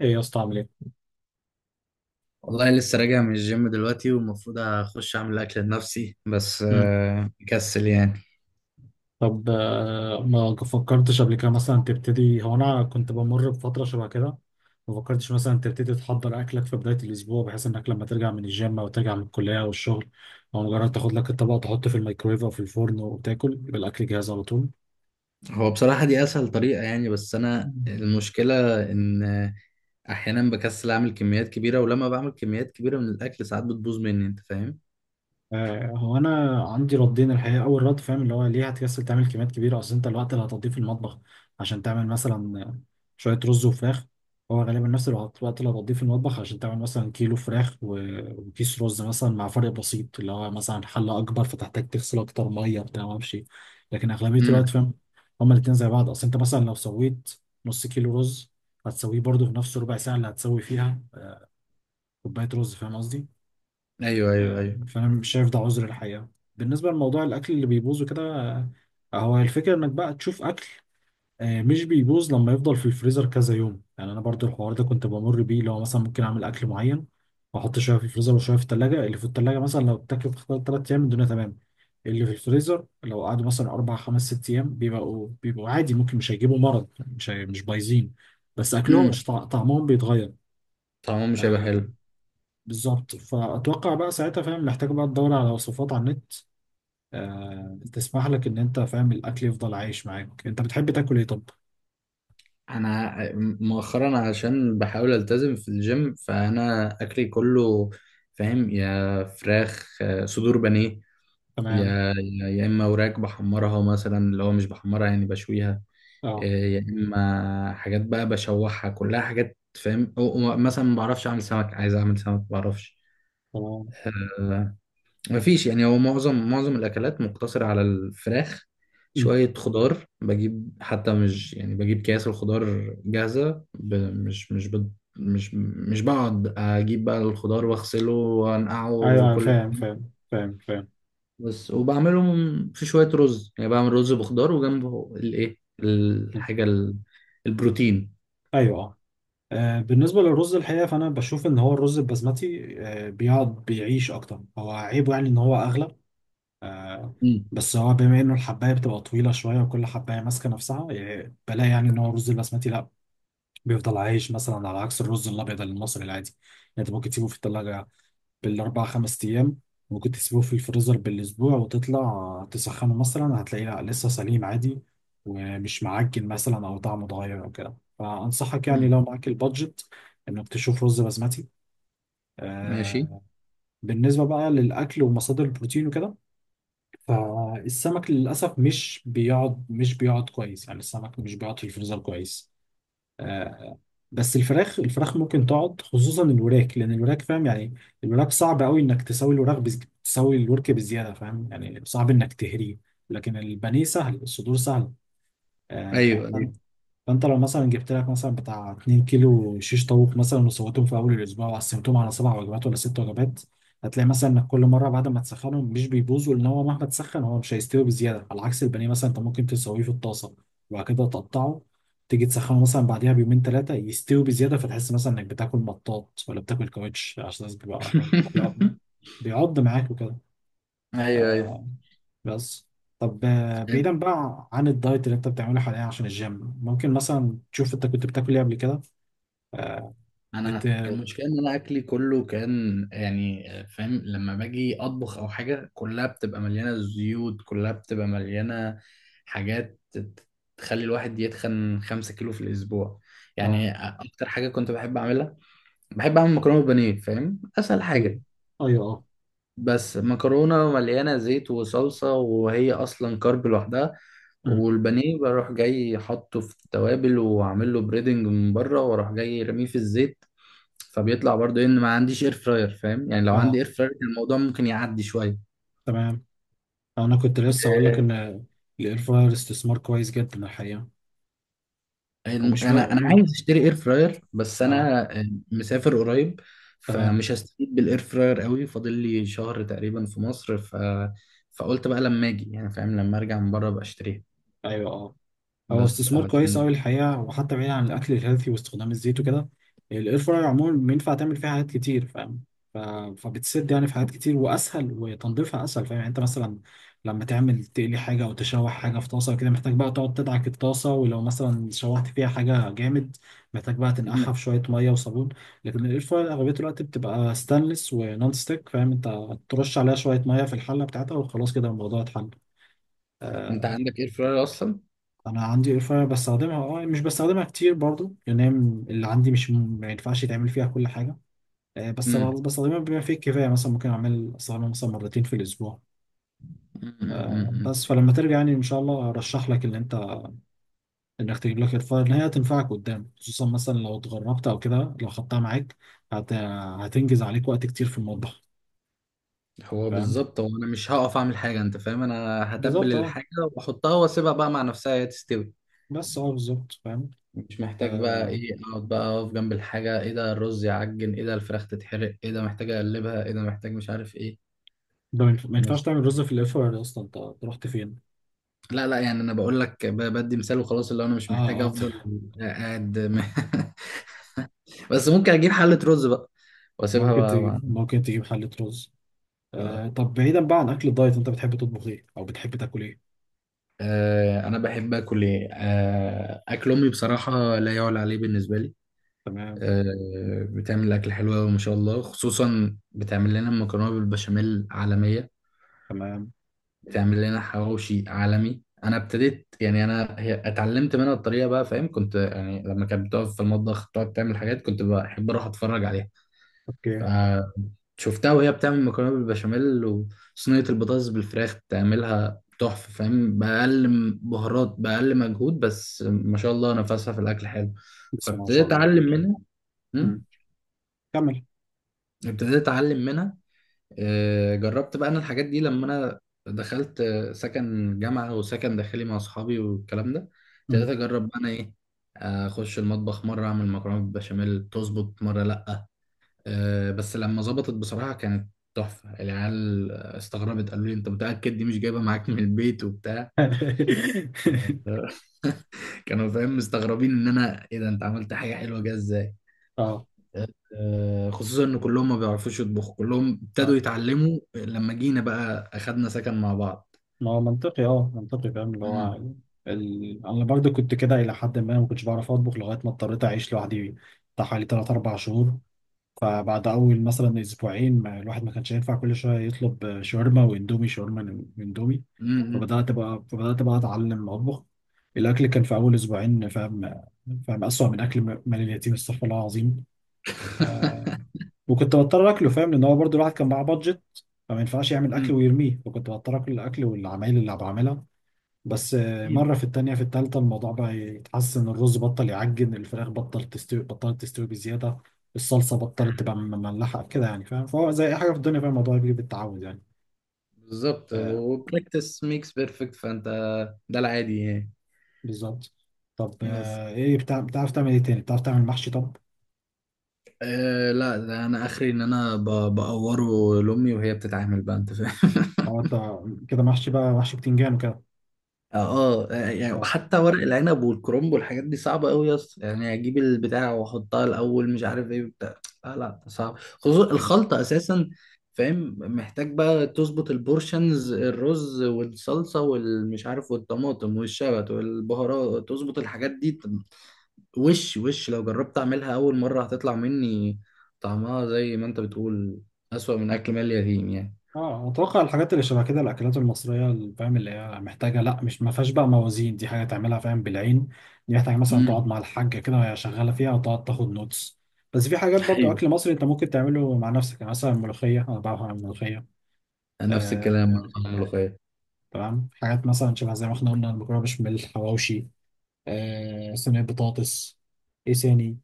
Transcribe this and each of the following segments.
ايه يا اسطى عامل ايه؟ والله لسه راجع من الجيم دلوقتي، والمفروض اخش اعمل اكل لنفسي بس مم. مكسل يعني. طب ما فكرتش قبل كده مثلا تبتدي. هو انا كنت بمر بفتره شبه كده، ما فكرتش مثلا تبتدي تحضر اكلك في بدايه الاسبوع، بحيث انك لما ترجع من الجيم او ترجع من الكليه او الشغل، او مجرد تاخد لك الطبق تحطه في الميكرويف او في الفرن وتاكل، يبقى الاكل جاهز على طول. هو بصراحة دي اسهل طريقة يعني، بس انا المشكلة ان احيانا بكسل اعمل كميات كبيرة، ولما بعمل كميات كبيرة من الاكل ساعات بتبوظ مني، انت فاهم؟ هو انا عندي ردين الحقيقه. اول رد فاهم، اللي هو ليه هتكسل تعمل كميات كبيره؟ اصل انت الوقت اللي هتقضيه في المطبخ عشان تعمل مثلا شويه رز وفراخ، هو غالبا نفس الوقت. اللي هتقضيه في المطبخ عشان تعمل مثلا كيلو فراخ و- وكيس رز مثلا، مع فرق بسيط اللي هو مثلا حله اكبر فتحتاج تغسل اكتر، ميه بتاع ما اعرفش إيه. لكن اغلبيه الوقت امم. فاهم، هما الاتنين زي بعض. اصل انت مثلا لو سويت نص كيلو رز، هتسويه برضه في نفس ربع ساعه اللي هتسوي فيها كوبايه رز، فاهم قصدي؟ ايوه، ايوه، ايوه. فانا مش شايف ده عذر الحقيقه. بالنسبه لموضوع الاكل اللي بيبوظ وكده، هو الفكره انك بقى تشوف اكل مش بيبوظ لما يفضل في الفريزر كذا يوم. يعني انا برضو الحوار ده كنت بمر بيه، لو مثلا ممكن اعمل اكل معين واحط شويه في الفريزر وشويه في الثلاجه. اللي في الثلاجه مثلا لو اتاكل في خلال 3 ايام الدنيا تمام، اللي في الفريزر لو قعدوا مثلا اربع خمس ست ايام بيبقوا عادي، ممكن مش هيجيبوا مرض، مش بايظين، بس اكلهم مش امم. طع- طعمهم بيتغير. طعمه مش هيبقى آه، حلو. بالظبط. فاتوقع بقى ساعتها فاهم، محتاج بقى تدور على وصفات على النت تسمح لك ان انت فاهم الاكل يفضل عايش معاك. انت بتحب تاكل ايه طب؟ انا مؤخرا عشان بحاول التزم في الجيم، فانا اكلي كله فاهم، يا فراخ، صدور بانيه، تمام. يا اما وراك بحمرها مثلا، اللي هو مش بحمرها يعني بشويها. اه إيه، يا اما حاجات بقى بشوحها، كلها حاجات فاهم، أو مثلا ما بعرفش اعمل سمك، عايز اعمل سمك ما بعرفش. تمام. آه، مفيش يعني، هو معظم الاكلات مقتصره على الفراخ. مم. شويه خضار بجيب، حتى مش يعني بجيب كياس الخضار جاهزه، مش مش. مش بقعد اجيب بقى الخضار واغسله وانقعه ايوه أيوة، وكل. فاهم. بس وبعملهم في شوية رز، يعني بعمل رز بخضار وجنبه الايه، مم. الحاجة البروتين. ايوه اه. بالنسبه للرز الحقيقه، فانا بشوف ان هو الرز البسمتي بيقعد بيعيش اكتر. هو عيبه يعني ان هو اغلى، آه، مم. بس هو بما انه الحبايه بتبقى طويله شويه وكل حبايه ماسكه نفسها، يعني بلاقي يعني ان هو الرز البسمتي لا، بيفضل عايش، مثلا على عكس الرز الابيض المصري العادي. يعني انت ممكن تسيبه في الثلاجه بالاربع خمس ايام، ممكن تسيبه في الفريزر بالاسبوع وتطلع تسخنه مثلا، هتلاقيه لا لسه سليم عادي، ومش معجن مثلا او طعمه اتغير او كده. فانصحك يعني مم. لو معاك البادجت انك تشوف رز بسمتي. ماشي. آه. بالنسبه بقى للاكل ومصادر البروتين وكده، فالسمك للاسف مش بيقعد كويس. يعني السمك مش بيقعد في الفريزر كويس. آه، بس الفراخ، ممكن تقعد، خصوصا الوراك، لان الوراك فاهم يعني، الوراك صعب قوي انك تسوي الورك بزياده، فاهم يعني صعب انك تهريه. لكن البانيه سهل، الصدور سهل. آه، ايوه، ايوه. فانت لو مثلا جبت لك مثلا بتاع 2 كيلو شيش طاووق مثلا، وسويتهم في اول الاسبوع وقسمتهم على سبع وجبات ولا ست وجبات، هتلاقي مثلا انك كل مره بعد ما تسخنهم مش بيبوظوا، لان هو مهما تسخن هو مش هيستوي بزياده. على عكس البانيه مثلا، انت ممكن تسويه في الطاسه وبعد كده تقطعه، تيجي تسخنه مثلا بعديها بيومين ثلاثه، يستوي بزياده، فتحس مثلا انك بتاكل مطاط ولا بتاكل كاوتش، عشان بيبقى بيقعد بيعض معاك وكده. ايوه، ايوه. بس طب بعيدا بقى عن الدايت اللي انت بتعمله حاليا عشان الجيم، ممكن مثلا تشوف انت كنت بتاكل ايه قبل كده؟ وت... انا المشكله ان انا اكلي كله كان يعني فاهم، لما باجي اطبخ او حاجه كلها بتبقى مليانه زيوت، كلها بتبقى مليانه حاجات تخلي الواحد يتخن 5 كيلو في الاسبوع. اه. يعني اكتر حاجه كنت بحب اعملها، بحب اعمل مكرونه بانيه، فاهم، اسهل حاجه. ايوه اه. بس مكرونة مليانة زيت وصلصة، وهي أصلا كارب لوحدها. أمم. والبانيه بروح جاي حاطه في التوابل وأعمل له بريدنج من بره، وأروح جاي رميه في الزيت. فبيطلع برضه إن ما عنديش إير فراير، فاهم يعني، لو عندي اه إير فراير كان الموضوع ممكن يعدي شوية. تمام. انا كنت لسه اقول لك ان الاير فراير استثمار كويس جدا الحقيقه. ومش بقى، أنا عايز أشتري إير فراير، بس اه أنا مسافر قريب. تمام. فمش هستفيد بالإير فراير قوي، فاضل لي شهر تقريبا في مصر. فقلت بقى لما أجي، يعني فاهم، لما أرجع من بره أبقى أشتريها، ايوه، هو بس استثمار كويس أوي علشان. الحقيقة. وحتى بعيد عن الأكل الهيلثي واستخدام الزيت وكده، الإير فراير عموما بينفع تعمل فيها حاجات كتير فاهم. ف... فبتسد يعني في حاجات كتير، وأسهل، وتنظيفها أسهل. فاهم يعني أنت مثلا لما تعمل تقلي حاجة أو تشوح حاجة في طاسة كده، محتاج بقى تقعد تدعك الطاسة. ولو مثلا شوحت فيها حاجة جامد، محتاج بقى تنقعها مم. في شوية مية وصابون. لكن الإير فراير أغلبية الوقت بتبقى ستانلس ونون ستيك، فاهم أنت ترش عليها شوية مية في الحلة بتاعتها وخلاص، كده الموضوع اتحل. انت آه، عندك اير فراير اصلا؟ انا عندي اير فراير بستخدمها. اه، مش بستخدمها كتير برضو، لان هي اللي عندي مش م- ما ينفعش يتعمل فيها كل حاجه. بس مم. بستخدمها بما فيه الكفايه، مثلا ممكن استخدمها مثلا مرتين في الاسبوع. مم. مم. مم. بس فلما ترجع يعني ان شاء الله، ارشح لك ان انت، انك تجيب لك اير فراير، ان هي هتنفعك قدام، خصوصا مثلا لو اتغربت او كده لو خدتها معاك، هت... هتنجز عليك وقت كتير في المطبخ. هو فاهم بالظبط، هو انا مش هقف اعمل حاجه، انت فاهم، انا هتبل بالظبط اه. الحاجه واحطها واسيبها بقى مع نفسها هي تستوي. بس اه بالظبط فاهم. مش محتاج بقى آه، ايه، اقعد بقى اقف جنب الحاجه، ايه ده الرز يعجن، ايه ده الفراخ تتحرق، ايه ده محتاج اقلبها، ايه ده محتاج، مش عارف ايه. ده ما ينفعش بس. تعمل رز في الاير فراير اصلا، انت أنت رحت فين؟ لا، لا، يعني انا بقول لك بدي مثال وخلاص، اللي هو انا مش اه محتاج اه. افضل قاعد. بس ممكن اجيب حله رز بقى، واسيبها ممكن بقى، تجيب، ممكن تجيب حلة رز. بقى. آه طب بعيدا بقى عن أكل الدايت، أنت بتحب تطبخ إيه أو بتحب تاكل إيه؟ انا بحب اكل ايه، اكل امي بصراحه لا يعلى عليه بالنسبه لي. تمام. بتعمل اكل حلو قوي ما شاء الله، خصوصا بتعمل لنا مكرونه بالبشاميل عالميه، تمام. بتعمل لنا حواوشي عالمي. انا ابتديت يعني، انا هي اتعلمت منها الطريقه بقى فاهم، كنت يعني لما كانت بتقف في المطبخ تقعد تعمل حاجات كنت بحب اروح اتفرج عليها. أوكي. فشفتها وهي بتعمل مكرونه بالبشاميل وصينيه البطاطس بالفراخ تعملها تحفه، فاهم، باقل بهارات، باقل مجهود، بس ما شاء الله نفسها في الاكل حلو. بسم الله ما شاء فابتديت الله. اتعلم منها. مم. مم. كمل. ابتديت اتعلم منها. جربت بقى انا الحاجات دي، لما انا دخلت سكن جامعه وسكن داخلي مع اصحابي والكلام ده. ابتديت مم. اجرب بقى انا ايه، اخش المطبخ، مره اعمل مكرونه بالبشاميل تظبط، مره لا. بس لما ظبطت بصراحة كانت تحفة. العيال استغربت، قالوا لي انت متأكد دي مش جايبة معاك من البيت وبتاع؟ كانوا فاهم مستغربين، ان انا ايه ده، انت عملت حاجة حلوة جايه ازاي؟ اه خصوصا ان كلهم ما بيعرفوش يطبخوا، كلهم اه. ابتدوا يتعلموا لما جينا بقى اخدنا سكن مع بعض. ما هو منطقي، اه منطقي فاهم، اللي هو امم. انا برضو كنت كده الى حد ما، ما كنتش بعرف اطبخ لغايه ما اضطريت اعيش لوحدي بتاع حوالي 3 4 شهور. فبعد اول مثلا اسبوعين، ما الواحد ما كانش ينفع كل شويه يطلب شاورما واندومي، شاورما واندومي، امم. فبدات بقى فبدات بقى اتعلم اطبخ. الاكل كان في اول اسبوعين فاهم، فاهم اسوأ من اكل مال اليتيم، استغفر الله العظيم. وكنت بضطر اكله، فاهم لان هو برضو الواحد كان معاه بادجت، فما ينفعش يعمل اكل أمم. ويرميه، فكنت بضطر اكل الاكل والعمايل اللي بعملها. بس اكيد. مرة في التانية في التالتة الموضوع بقى يتحسن، الرز بطل يعجن، الفراخ بطلت تستوي بزيادة، الصلصة بطلت تبقى مملحة كده يعني، فاهم؟ فهو زي أي حاجة في الدنيا فاهم، الموضوع بيجي بالتعود يعني. بالظبط، آه وبراكتس ميكس بيرفكت، فانت ده العادي يعني. بالظبط. طب بس. إيه بتاع بتعرف تعمل إيه تاني؟ بتعرف تعمل محشي طب؟ أه، لا، ده انا اخري ان انا بقوره لامي وهي بتتعامل بقى، انت فاهم. أو أنت كده محشي بقى، محشي بتنجان وكده. اه، يعني حتى ورق العنب والكرنب والحاجات دي صعبه قوي يا اسطى، يعني اجيب البتاع واحطها الاول مش عارف ايه بتاع. لا، لا، صعب، خصوصا أه الخلطه اساسا. فاهم، محتاج بقى تظبط البورشنز، الرز والصلصه والمش عارف والطماطم والشبت والبهارات، تظبط الحاجات دي. وش لو جربت اعملها اول مرة هتطلع مني، طعمها زي ما انت بتقول، اسوأ من اكل مال اليتيم يعني. اه اتوقع الحاجات اللي شبه كده، الاكلات المصريه اللي فاهم، اللي هي محتاجه، لا مش ما فيهاش بقى موازين، دي حاجه تعملها فاهم بالعين. دي محتاجه مثلا تقعد امم. مع الحاجه كده وهي شغاله فيها وتقعد تاخد نوتس. بس في حاجات برضو ايوه. اكل مصري انت ممكن تعمله مع نفسك، يعني مثلا الملوخيه، انا بعرف اعمل ملوخيه. نفس الكلام مع آه طعم الملوخية. تمام. حاجات مثلا شبه زي ما احنا قلنا، المكرونه بشاميل، حواوشي، آه صينيه بطاطس، ايه ثاني،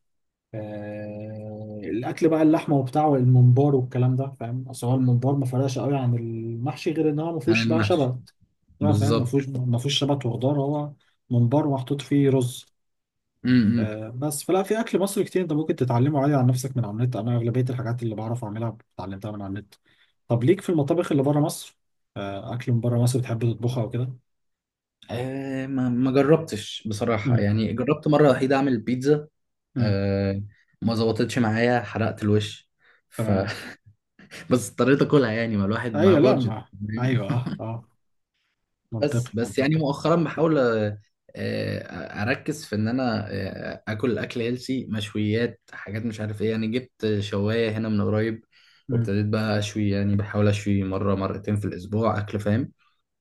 الاكل بقى، اللحمه وبتاع، والممبار والكلام ده. فاهم اصل هو الممبار ما فرقش قوي عن المحشي، غير ان هو ما عن فيهوش بقى المحشي؟ شبت. لا فاهم، بالظبط. ما فيهوش شبت وخضار. هو ممبار محطوط فيه رز. امم. بس فلا، في اكل مصري كتير انت ممكن تتعلمه عادي عن نفسك من على النت. انا اغلبيه الحاجات اللي بعرف اعملها اتعلمتها من على النت. طب ليك في المطابخ اللي بره مصر؟ اكل من بره مصر بتحب تطبخها وكده؟ آه، ما، ما جربتش بصراحة، امم. يعني جربت مرة وحيدة اعمل بيتزا. امم. آه. ما ظبطتش معايا، حرقت الوش. ف تمام. بس اضطريت اكلها، يعني ما الواحد معاه ايوه لا بادجت. ما. ايوه اه اه. بس، منطقي بس، يعني منطقي. مؤخرا بحاول اركز في ان انا اكل اكل هيلسي، مشويات، حاجات مش عارف ايه، يعني جبت شوايه هنا من قريب. امم. وابتديت بقى اشوي، يعني بحاول اشوي مره مرتين في الاسبوع اكل، فاهم.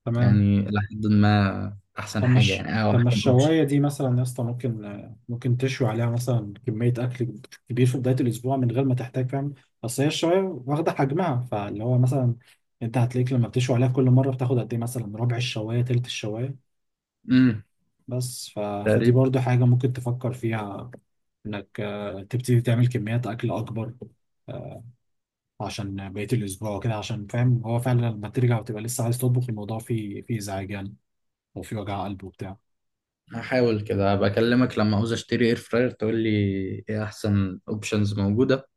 تمام. يعني لحد ما، احسن طب حاجه مش، يعني، او طب ما احسن اوبشن. الشوايه دي مثلا يا اسطى، ممكن ممكن تشوي عليها مثلا كميه اكل كبير في بدايه الاسبوع، من غير ما تحتاج فاهم؟ اصل هي الشوايه واخده حجمها، فاللي هو مثلا انت هتلاقيك لما بتشوي عليها كل مره بتاخد قد ايه، مثلا ربع الشوايه تلت الشوايه. امم. بس ف... فدي تقريبا. برضو حاجه ممكن تفكر فيها، انك تبتدي تعمل كميات اكل اكبر، آه، عشان بقيه الاسبوع وكده. عشان فاهم هو فعلا لما ترجع وتبقى لسه عايز تطبخ، الموضوع فيه، ازعاج يعني، وفيه وجع قلب وبتاع. هحاول كده، بكلمك لما عاوز اشتري اير فراير تقول لي ايه احسن اوبشنز موجوده،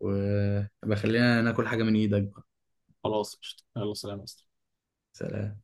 وبخلينا ناكل حاجه من ايدك بقى. خلاص قشطة. يلا سلام يا أسطى. سلام.